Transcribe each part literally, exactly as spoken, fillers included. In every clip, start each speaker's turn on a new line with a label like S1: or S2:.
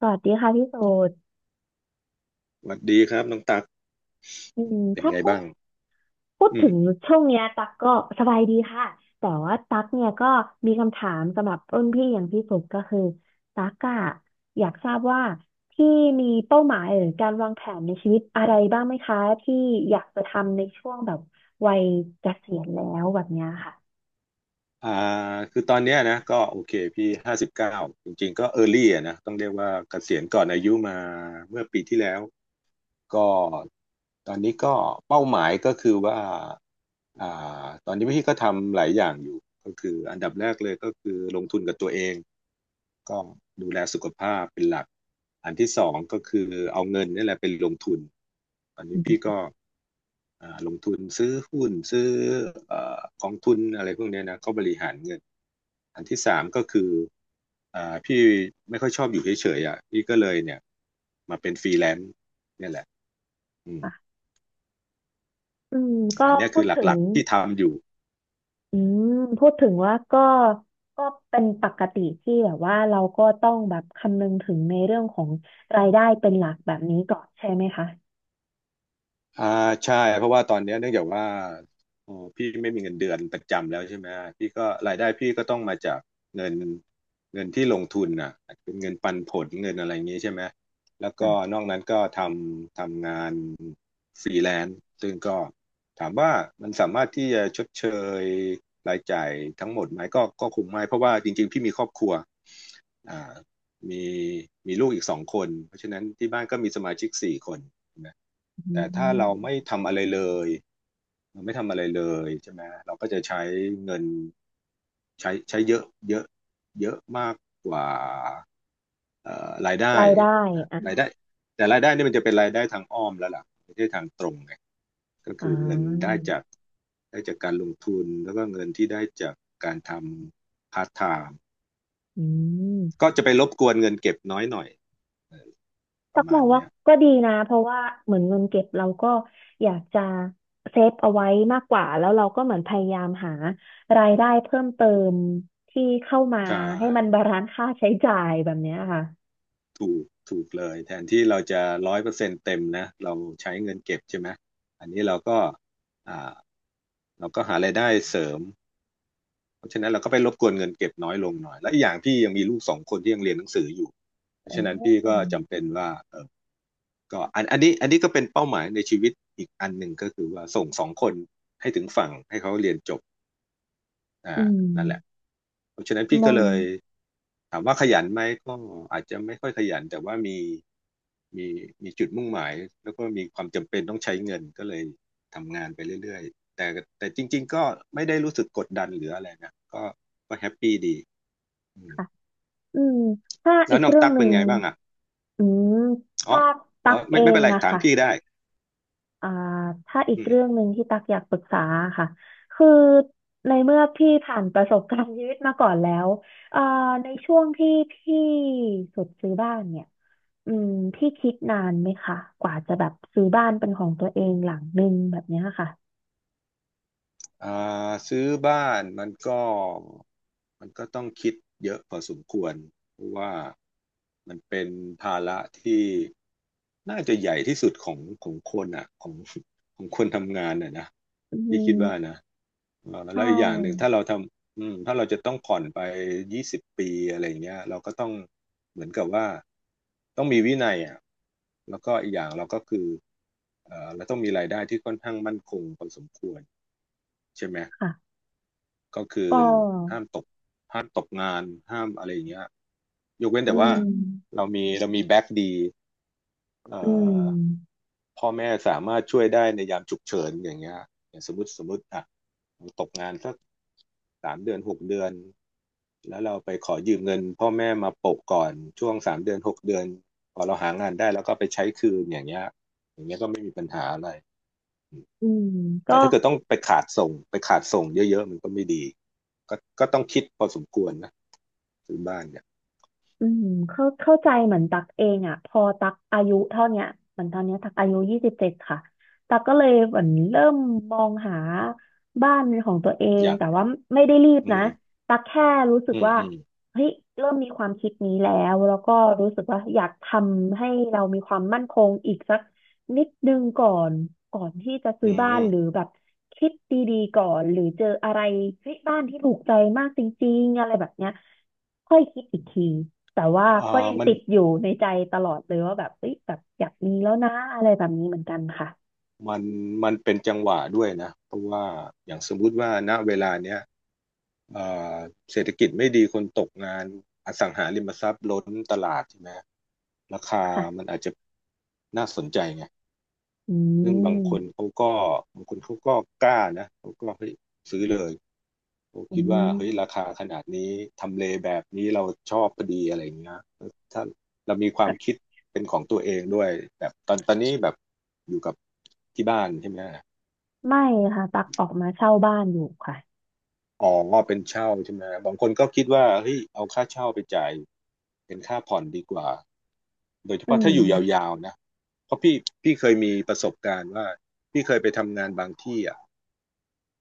S1: สวัสดีค่ะพี่โสด
S2: สวัสดีครับน้องตัก
S1: อืม
S2: เป็น
S1: ถ้า
S2: ไง
S1: พูด
S2: บ้าง
S1: พูด
S2: อื
S1: ถึ
S2: ม
S1: งช่วงเนี้ยตักก็สบายดีค่ะ แต่ว่าตักเนี่ยก็มีคำถามสำหรับรุ่นพี่อย่างพี่สุดก็คือตักอะอยากทราบว่าที่มีเป้าหมายหรือการวางแผนในชีวิตอะไรบ้างไหมคะที่อยากจะทำในช่วงแบบวัยเกษียณแล้วแบบเนี้ยค่ะ
S2: อ่าคือตอนเนี้ยนะก็โอเคพี่ห้าสิบเก้าจริงๆก็เออร์ลี่อะนะต้องเรียกว่าเกษียณก่อนอายุมาเมื่อปีที่แล้วก็ตอนนี้ก็เป้าหมายก็คือว่า อ่าตอนนี้พี่ก็ทำหลายอย่างอยู่ก็คืออันดับแรกเลยก็คือลงทุนกับตัวเองก็ดูแลสุขภาพเป็นหลักอันที่สองก็คือเอาเงินนี่แหละเป็นลงทุนตอน
S1: อื
S2: นี้พี่
S1: ม
S2: ก็ อ่าลงทุนซื้อหุ้นซื้อเอ่อกองทุนอะไรพวกเนี้ยนะเขาบริหารเงินอันที่สามก็คืออ่าพี่ไม่ค่อยชอบอยู่เฉยๆอ่ะพี่ก็เลยเนี่ยมาเป็นฟรีแลนซ์เนี่ยแหละอืม
S1: ค่ะอืมก็
S2: อันเนี้ย
S1: พู
S2: คื
S1: ด
S2: อ
S1: ถึ
S2: ห
S1: ง
S2: ลักๆที่ทำอยู่
S1: อืมพูดถึงว่าก็ก็เป็นปกติที่แบบว่าเราก็ต้องแบบคำนึงถึงในเรื่องของรายได้เป็นหลักแบบนี้ก่อนใช่ไหมคะ
S2: อ่าใช่เพราะว่าตอนเนี้ยเนื่องจากว่าเออพี่ไม่มีเงินเดือนประจำแล้วใช่ไหมพี่ก็รายได้พี่ก็ต้องมาจากเงินเงินที่ลงทุนน่ะเป็นเงินปันผลเงินอะไรอย่างงี้ใช่ไหมแล้ว
S1: ค่ะ
S2: ก็นอกนั้นก็ทำทำงานฟรีแลนซ์ซึ่งก็ถามว่ามันสามารถที่จะชดเชยรายจ่ายทั้งหมดไหมก็ก็คงไม่เพราะว่าจริงๆพี่มีครอบครัวอ่ามีมีลูกอีกสองคนเพราะฉะนั้นที่บ้านก็มีสมาชิกสี่คน
S1: อื
S2: แต่ถ้าเราไม่
S1: ม
S2: ทำอะไรเลยเราไม่ทำอะไรเลยใช่ไหมเราก็จะใช้เงินใช้ใช้เยอะเยอะเยอะมากกว่าเอ่อรายได้
S1: รายได้
S2: นะรา
S1: อ่ะ
S2: ยได้แต่รายได้นี่มันจะเป็นรายได้ทางอ้อมแล้วล่ะไม่ใช่ทางตรงไงก็
S1: อ่
S2: คือเงินได้
S1: า
S2: จากได้จากการลงทุนแล้วก็เงินที่ได้จากการทำพาร์ทไทม์
S1: อืม
S2: ก็จะไปรบกวนเงินเก็บน้อยหน่อยป
S1: ตั
S2: ระ
S1: กม
S2: มาณ
S1: องว่า
S2: เนี้ย
S1: ก็ดีนะเพราะว่าเหมือนเงินเก็บเราก็อยากจะเซฟเอาไว้มากกว่าแล้วเราก็เหมือนพยายามหารายได้เพิ่มเติมที่เข้ามา
S2: ใช่
S1: ให้มันบาลานซ์ค่าใช้จ่ายแบบเนี้ยค่ะ
S2: ถูกถูกเลยแทนที่เราจะร้อยเปอร์เซ็นต์เต็มนะเราใช้เงินเก็บใช่ไหมอันนี้เราก็อ่าเราก็หารายได้เสริมเพราะฉะนั้นเราก็ไปรบกวนเงินเก็บน้อยลงหน่อยและอีกอย่างพี่ยังมีลูกสองคนที่ยังเรียนหนังสืออยู่เพราะ
S1: โอ้
S2: ฉะนั้นพี่ก็จำเป็นว่าเออก็อันอันนี้อันนี้ก็เป็นเป้าหมายในชีวิตอีกอันหนึ่งก็คือว่าส่งสองคนให้ถึงฝั่งให้เขาเรียนจบ อ่า
S1: อืม
S2: นั่นแหละเพราะฉะนั้นพี่
S1: อ
S2: ก็
S1: ง
S2: เลยถามว่าขยันไหมก็อาจจะไม่ค่อยขยันแต่ว่ามีมีมีจุดมุ่งหมายแล้วก็มีความจำเป็นต้องใช้เงินก็เลยทำงานไปเรื่อยๆแต่แต่จริงๆก็ไม่ได้รู้สึกกดดันหรืออะไรนะก็ก็แฮปปี้ดีอืม
S1: ค่ะอืมถ้า
S2: แล้
S1: อี
S2: ว
S1: ก
S2: น้อง
S1: เรื่อง
S2: ตั๊ก
S1: ห
S2: เป็
S1: นึ่
S2: น
S1: ง
S2: ไงบ้างอ่ะ
S1: อืม
S2: อ๋อ
S1: ถ้าตั
S2: อ๋อ
S1: กเอ
S2: ไม่ไม่เป็
S1: ง
S2: นไร
S1: อะ
S2: ถาม
S1: ค่ะ
S2: พี่ได้
S1: อ่าถ้าอีก
S2: อื
S1: เรื่อ
S2: ม
S1: งหนึ่งที่ตักอยากปรึกษาค่ะ คือในเมื่อพี่ผ่านประสบการณ์ชีวิตมาก่อนแล้วเอ่าในช่วงที่พี่สุดซื้อบ้านเนี่ยอืมพี่คิดนานไหมคะกว่าจะแบบซื้อบ้านเป็นของตัวเองหลังหนึ่งแบบเนี้ยค่ะ
S2: อ่าซื้อบ้านมันก็มันก็ต้องคิดเยอะพอสมควรเพราะว่ามันเป็นภาระที่น่าจะใหญ่ที่สุดของของคนอ่ะของของคนทำงานอ่ะนะ
S1: อื
S2: พี่คิด
S1: ม
S2: ว่านะเอ่อ
S1: ใช
S2: แล้วอีกอย่างหนึ่งถ้า
S1: ่
S2: เราทำอืมถ้าเราจะต้องผ่อนไปยี่สิบปีอะไรอย่างเงี้ยเราก็ต้องเหมือนกับว่าต้องมีวินัยอ่ะแล้วก็อีกอย่างเราก็คือเอ่อเราต้องมีรายได้ที่ค่อนข้างมั่นคงพอสมควรใช่ไหม
S1: ค่ะ
S2: ก็คือ
S1: ก็
S2: ห้ามตกห้ามตกงานห้ามอะไรอย่างเงี้ยยกเว้น
S1: อื
S2: แต่ว่า
S1: ม
S2: เรามีเรามีแบ็กดีเอ่
S1: อืม
S2: อพ่อแม่สามารถช่วยได้ในยามฉุกเฉินอย่างเงี้ยอย่างสมมติสมมติอ่ะตกงานสักสามเดือนหกเดือนแล้วเราไปขอยืมเงินพ่อแม่มาโปะก่อนช่วงสามเดือนหกเดือนพอเราหางานได้แล้วก็ไปใช้คืนอย่างเงี้ยอย่างเงี้ยก็ไม่มีปัญหาอะไร
S1: อืมก็
S2: แต่ถ้าเกิดต้องไปขาดส่งไปขาดส่งเยอะๆมันก็ไม่ดีก็ก็ต้องคิดพอสมควรนะซื้อบ้านเนี่ย
S1: อืมเข้าเข้าใจเหมือนตักเองอ่ะพอตักอายุเท่าเนี้ยเหมือนตอนเนี้ยตักอายุยี่สิบเจ็ดค่ะตักก็เลยเหมือนเริ่มมองหาบ้านเป็นของตัวเอ
S2: อ
S1: ง
S2: ยาก
S1: แต่ว่าไม่ได้รีบ
S2: อื
S1: นะ
S2: ม
S1: ตักแค่รู้สึก
S2: อืม
S1: ว่า
S2: อืม
S1: เฮ้ยเริ่มมีความคิดนี้แล้วแล้วก็รู้สึกว่าอยากทำให้เรามีความมั่นคงอีกสักนิดนึงก่อนก่อนที่จะซื้
S2: อื
S1: อบ้าน
S2: ม
S1: หรือแบบคิดดีๆก่อนหรือเจออะไรเฮ้ยบ้านที่ถูกใจมากจริงๆอะไรแบบเนี้ยค่อยคิดอีกที แต่ว่า
S2: เอ่
S1: ก็
S2: อ
S1: ยัง
S2: มัน
S1: ติดอยู่ในใจตลอดเลยว่าแบบเอ้ยแบบอยากมีแล้วนะอะไรแบบนี้เหมือนกันค่ะ
S2: มันมันเป็นจังหวะด้วยนะ เพราะว่าอย่างสมมุติว่าณเวลาเนี้ยเอ่อเศรษฐกิจไม่ดีคนตกงานอสังหาริมทรัพย์ล้นตลาดใช่ไหมราคามัน
S1: ค่ะ
S2: อาจจะน่าสนใจไง
S1: อื
S2: ซึ่งบางคน
S1: ม
S2: เขาก็บางคนเขาก็กล้านะ เขาก็เฮ้ยซื้อเลย ผม
S1: อื
S2: คิดว่าเฮ้ยรา
S1: ม
S2: คาขนาดนี้ทำเลแบบนี้เราชอบพอดีอะไรอย่างเงี้ยถ้าเรามีความคิดเป็นของตัวเองด้วยแบบตอนตอนนี้แบบอยู่กับที่บ้านใช่ไหม
S1: ไม่ค่ะตักออกมาเช่าบ้านอยู่ค่ะ
S2: อ๋อเป็นเช่าใช่ไหมบางคนก็คิดว่าเฮ้ยเอาค่าเช่าไปจ่ายเป็นค่าผ่อนดีกว่าโดยเฉ
S1: อื
S2: พาะถ้าอยู่
S1: ม
S2: ยาวๆนะเพราะพี่พี่เคยมีประสบการณ์ว่าพี่เคยไปทำงานบางที่อ่ะ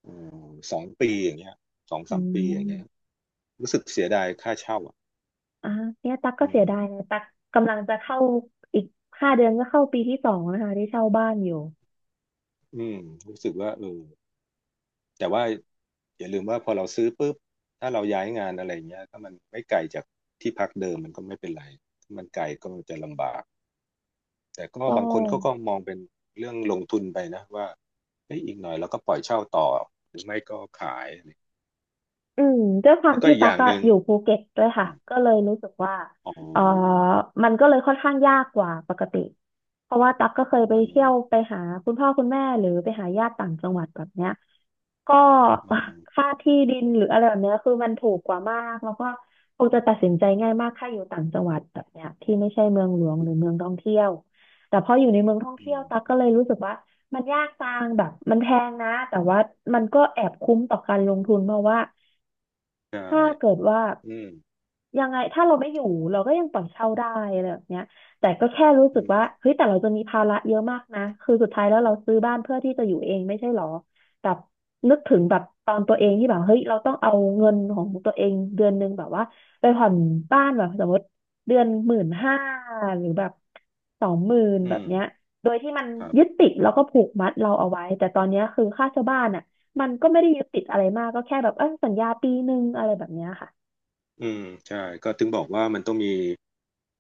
S2: อืมสองปีอย่างเงี้ยสอง
S1: อื
S2: สามปีอย่าง
S1: ม
S2: เงี้ยรู้สึกเสียดายค่าเช่าอ่ะ
S1: อ่ะเนี่ยตักก็
S2: อื
S1: เสี
S2: ม
S1: ยดายนะตักกำลังจะเข้าอีกห้าเดือนก็เข้าปีที่สองนะคะที่เช่าบ้านอยู่
S2: อืมรู้สึกว่าเออแต่ว่าอย่าลืมว่าพอเราซื้อปุ๊บถ้าเราย้ายงานอะไรเงี้ยถ้ามันไม่ไกลจากที่พักเดิมมันก็ไม่เป็นไรถ้ามันไกลก็จะลำบากแต่ก็
S1: ก็
S2: บางคนเขาก็มองเป็นเรื่องลงทุนไปนะว่าเฮ้ยอีกหน่อยเราก็ปล่อยเช่าต่อหรือไม่ก็ขายอะไร
S1: อืมด้วยความ
S2: แล้วก็
S1: ที่
S2: อีกอ
S1: ตั๊ก
S2: ย่างห
S1: อะ
S2: นึ่ง
S1: อยู่ภูเก็ตด้วย
S2: อ
S1: ค่ะ
S2: ม
S1: ก็เลยรู้สึกว่า
S2: อ๋
S1: เออ
S2: อ
S1: มันก็เลยค่อนข้างยากกว่าปกติเพราะว่าตั๊กก็เคยไป
S2: มัน
S1: เที่ยวไปหาคุณพ่อคุณแม่หรือไปหาญาติต่างจังหวัดแบบเนี้ยก็
S2: อ๋อ
S1: ค่าที่ดินหรืออะไรแบบเนี้ยคือมันถูกกว่ามากแล้วก็คงจะตัดสินใจง่ายมากถ้าอยู่ต่างจังหวัดแบบเนี้ยที่ไม่ใช่เมืองหลวงหรือเมืองท่องเที่ยวแต่พออยู่ในเมืองท่อง
S2: อื
S1: เที่ยว
S2: ม
S1: ตั๊กก็เลยรู้สึกว่ามันยากจังแบบมันแพงนะแต่ว่ามันก็แอบคุ้มต่อการลงทุนเพราะว่า
S2: ใช่
S1: ถ้าเกิดว่า
S2: อืม
S1: ยังไงถ้าเราไม่อยู่เราก็ยังปล่อยเช่าได้อะไรแบบเนี้ยแต่ก็แค่รู้
S2: อื
S1: สึกว่า
S2: ม
S1: เฮ้ยแต่เราจะมีภาระเยอะมากนะคือสุดท้ายแล้วเราซื้อบ้านเพื่อที่จะอยู่เองไม่ใช่หรอแบบนึกถึงแบบตอนตัวเองที่แบบเฮ้ยเราต้องเอาเงินของตัวเองเดือนหนึ่งแบบว่าไปผ่อนบ้านแบบสมมติเดือนหมื่นห้าหรือแบบสองหมื่น
S2: อื
S1: แบบ
S2: ม
S1: เนี้ยโดยที่มัน
S2: ครับ
S1: ยึดติดแล้วก็ผูกมัดเราเอาไว้แต่ตอนเนี้ยคือค่าเช่าบ้านอ่ะ มันก็ไม่ได้ยึดติดอะไรมากก็แค่แบบเออสัญญาปีหนึ่งอะไรแบบเนี้ยค่ะ
S2: อืมใช่ก็ถึงบอกว่ามันต้องมี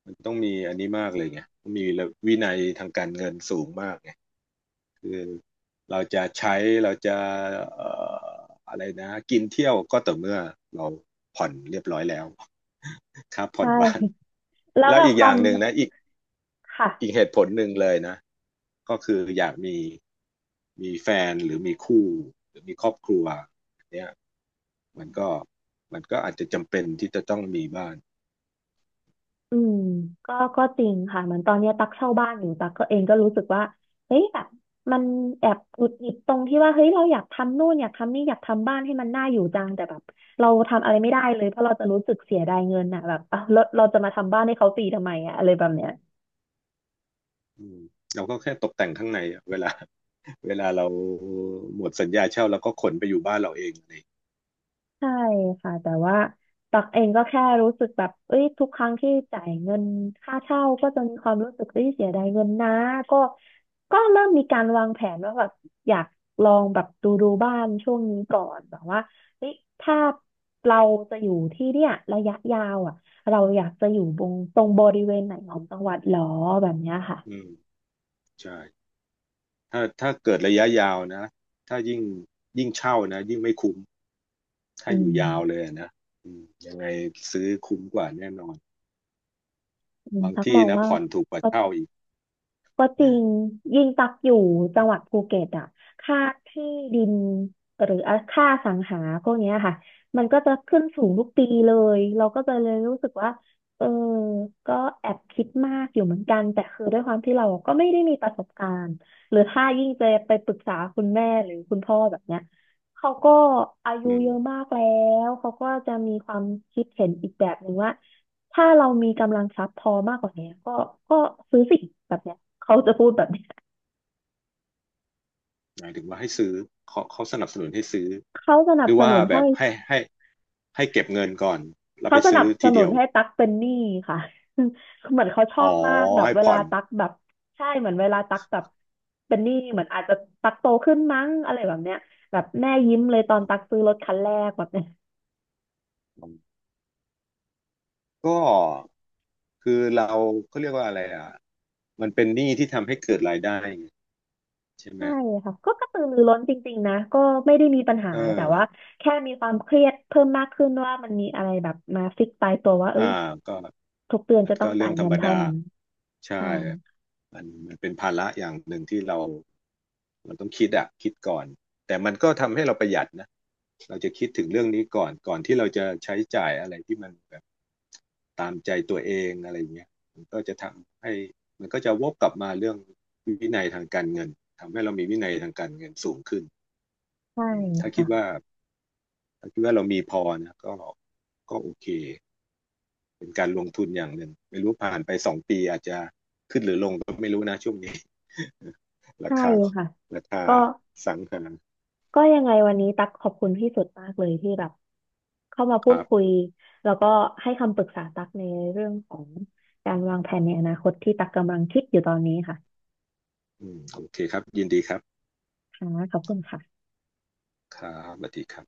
S2: มันต้องมีอันนี้มากเลยไงต้องมีระวินัยทางการเงินสูงมากไงคือเราจะใช้เราจะเอ่ออะไรนะกินเที่ยวก็ต่อเมื่อเราผ่อนเรียบร้อยแล้ว ครับผ่อ
S1: ใช่
S2: นบ้าน
S1: แล้ว
S2: แล้ว
S1: แบบ
S2: อีก
S1: ค
S2: อ
S1: วา
S2: ย่า
S1: ม
S2: งห
S1: ม
S2: นึ่งนะอีก
S1: ค่ะ
S2: อีกเหตุผลหนึ่งเลยนะก็คืออยากมีมีแฟนหรือมีคู่หรือมีครอบครัวเนี่ยมันก็มันก็อาจจะจำเป็นที่จะต้องมีบ้าน
S1: อืมก็ก็จริงค่ะเหมือนตอนเนี้ยตักเช่าบ้านอยู่ตักก็เองก็รู้สึกว่าเฮ้ยแบบมันแอบหงุดหงิดตรงที่ว่าเฮ้ยเราอยากทำนู่นอยากทำนี่อยากทำบ้านให้มันน่าอยู่จังแต่แบบเราทำอะไรไม่ได้เลยเพราะเราจะรู้สึกเสียดายเงินอ่ะแบบ อ่ะเราเราจะมาทำบ้านให้เขาฟรีทำไมอ่ะอะไรแบบเนี้ย
S2: อืมเราก็แค่ตกแต่งข้างในอะเวลา เวลาเราหมดสัญญาเช่าเราก็ขนไปอยู่บ้านเราเองนี่
S1: ใช่ค่ะแต่ว่าตักเองก็แค่รู้สึกแบบเอ้ยทุกครั้งที่จ่ายเงินค่าเช่าก็จะมีความรู้สึกเอ้ยเสียดายเงินนะก็ก็เริ่มมีการวางแผนว่าแบบอยากลองแบบดูดูบ้านช่วงนี้ก่อนแบบว่าเฮ้ยถ้าเราจะอยู่ที่เนี่ยระยะยาวอ่ะเราอยากจะอยู่ตรงตรงบริเวณไหนของจังหวัดหรอแบบเนี้ยค่ะ
S2: อืมใช่ถ้าถ้าเกิดระยะยาวนะถ้ายิ่งยิ่งเช่านะยิ่งไม่คุ้มถ้า
S1: อื
S2: อยู่ยาวเล
S1: ม
S2: ยอะนะอืมยังไงซื้อคุ้มกว่าแน่นอน
S1: อืม
S2: บาง
S1: ตักม
S2: ที่
S1: อง
S2: นะ
S1: ว่า
S2: ผ่อนถูกกว่าเช่าอีก
S1: ก็จริงยิ่งตักอยู่จังหวัดภูเก็ตอ่ะค่าที่ดินหรือค่าอสังหาพวกเนี้ยค่ะมันก็จะขึ้นสูงทุกปีเลยเราก็จะเลยรู้สึกว่าเออก็แอบคิดมากอยู่เหมือนกันแต่คือด้วยความที่เราก็ไม่ได้มีประสบการณ์หรือถ้ายิ่งจะไปปรึกษาคุณแม่หรือคุณพ่อแบบเนี้ยเขาก็อายุ
S2: อืม
S1: เยอะมากแล้วเขาก็จะมีความคิดเห็นอีกแบบหนึ่งว่า ถ้าเรามีกำลังทรัพย์พอมากกว่านี้ก็ก็ซื้อสิ่งแบบเนี้ยเขาจะพูดแบบเนี้ย
S2: หมายถึงว่าให้ซื้อเขาเขาสนับสนุนให้ซื้อ
S1: เขาสนั
S2: ห
S1: บ
S2: รือ
S1: ส
S2: ว่า
S1: นุน
S2: แบ
S1: ให้
S2: บให้ให้ให้เก็บเงินก่อนแล้ว
S1: เขา
S2: ไป
S1: สนั
S2: ซื้อ
S1: บส
S2: ที
S1: นุ
S2: เดี
S1: น
S2: ยว
S1: ให้ตักเป็นหนี้ค่ะ เหมือนเขาชอ
S2: อ๋
S1: บ
S2: อ
S1: มากแบบ
S2: ให้
S1: เว
S2: ผ่
S1: ลา
S2: อน
S1: ตักแบบใช่เหมือนเวลาตักแบบเป็นหนี้เหมือนอาจจะตักโตขึ้นมั้งอะไรแบบเนี้ยแบบแม่ยิ้มเลยตอนตักซื้อรถคันแรกแบบเนี้ย
S2: ก็คือเราเขาเรียกว่าอะไรอ่ะ มันเป็นหนี้ที่ทำให้เกิดรายได้ไงใช่ไหม
S1: ใช่ค่ะก็กระตือรือร้นจริงๆนะก็ไม่ได้มีปัญหา
S2: เอ
S1: แต่ว่า
S2: อ
S1: แค่มีความเครียดเพิ่มมากขึ้นว่ามันมีอะไรแบบมาฟิกตายตัวว่าเอ้
S2: อ่า
S1: ย
S2: ก็
S1: ทุกเดือน
S2: มัน
S1: จะต้
S2: ก็
S1: อง
S2: เรื่
S1: จ่า
S2: อ
S1: ย
S2: งธร
S1: เงิ
S2: ร
S1: น
S2: ม
S1: เท่า
S2: ดา
S1: นี้
S2: ใช่
S1: ใช่
S2: มันมันเป็นภาระอย่างหนึ่งที่เรามันต้องคิดอะคิดก่อนแต่มันก็ทำให้เราประหยัดนะเราจะคิดถึงเรื่องนี้ก่อนก่อนที่เราจะใช้จ่ายอะไรที่มันแบบตามใจตัวเองอะไรอย่างเงี้ยมันก็จะทำให้มันก็จะวกกลับมาเรื่องวินัยทางการเงินทำให้เรามีวินัยทางการเงินสูงขึ้น
S1: ใช่
S2: อืมถ้าคิ
S1: ค่ะ
S2: ดว่า ถ้าคิดว่าเรามีพอนะก็ก็โอเคเป็นการลงทุนอย่างหนึ่งไม่รู้ผ่านไปสองปีอาจจะขึ้นหรือลงก็ไม่รู้นะช่วงนี้ รา
S1: ใช่
S2: คา
S1: ค่ะ
S2: ราคา
S1: ก็
S2: สังหา
S1: ก็ยังไงวันนี้ตักขอบคุณพี่สุดมากเลยที่แบบเข้ามา
S2: ค
S1: พูด
S2: รับ
S1: คุยแล้วก็ให้คำปรึกษาตักในเรื่องของการวางแผนในอนาคตที่ตักกำลังคิดอยู่ตอนนี้ค่ะ
S2: อืมโอเคครับยินดีครับ
S1: ค่ะขอบคุณค่ะ
S2: ครับสวัสดีครับ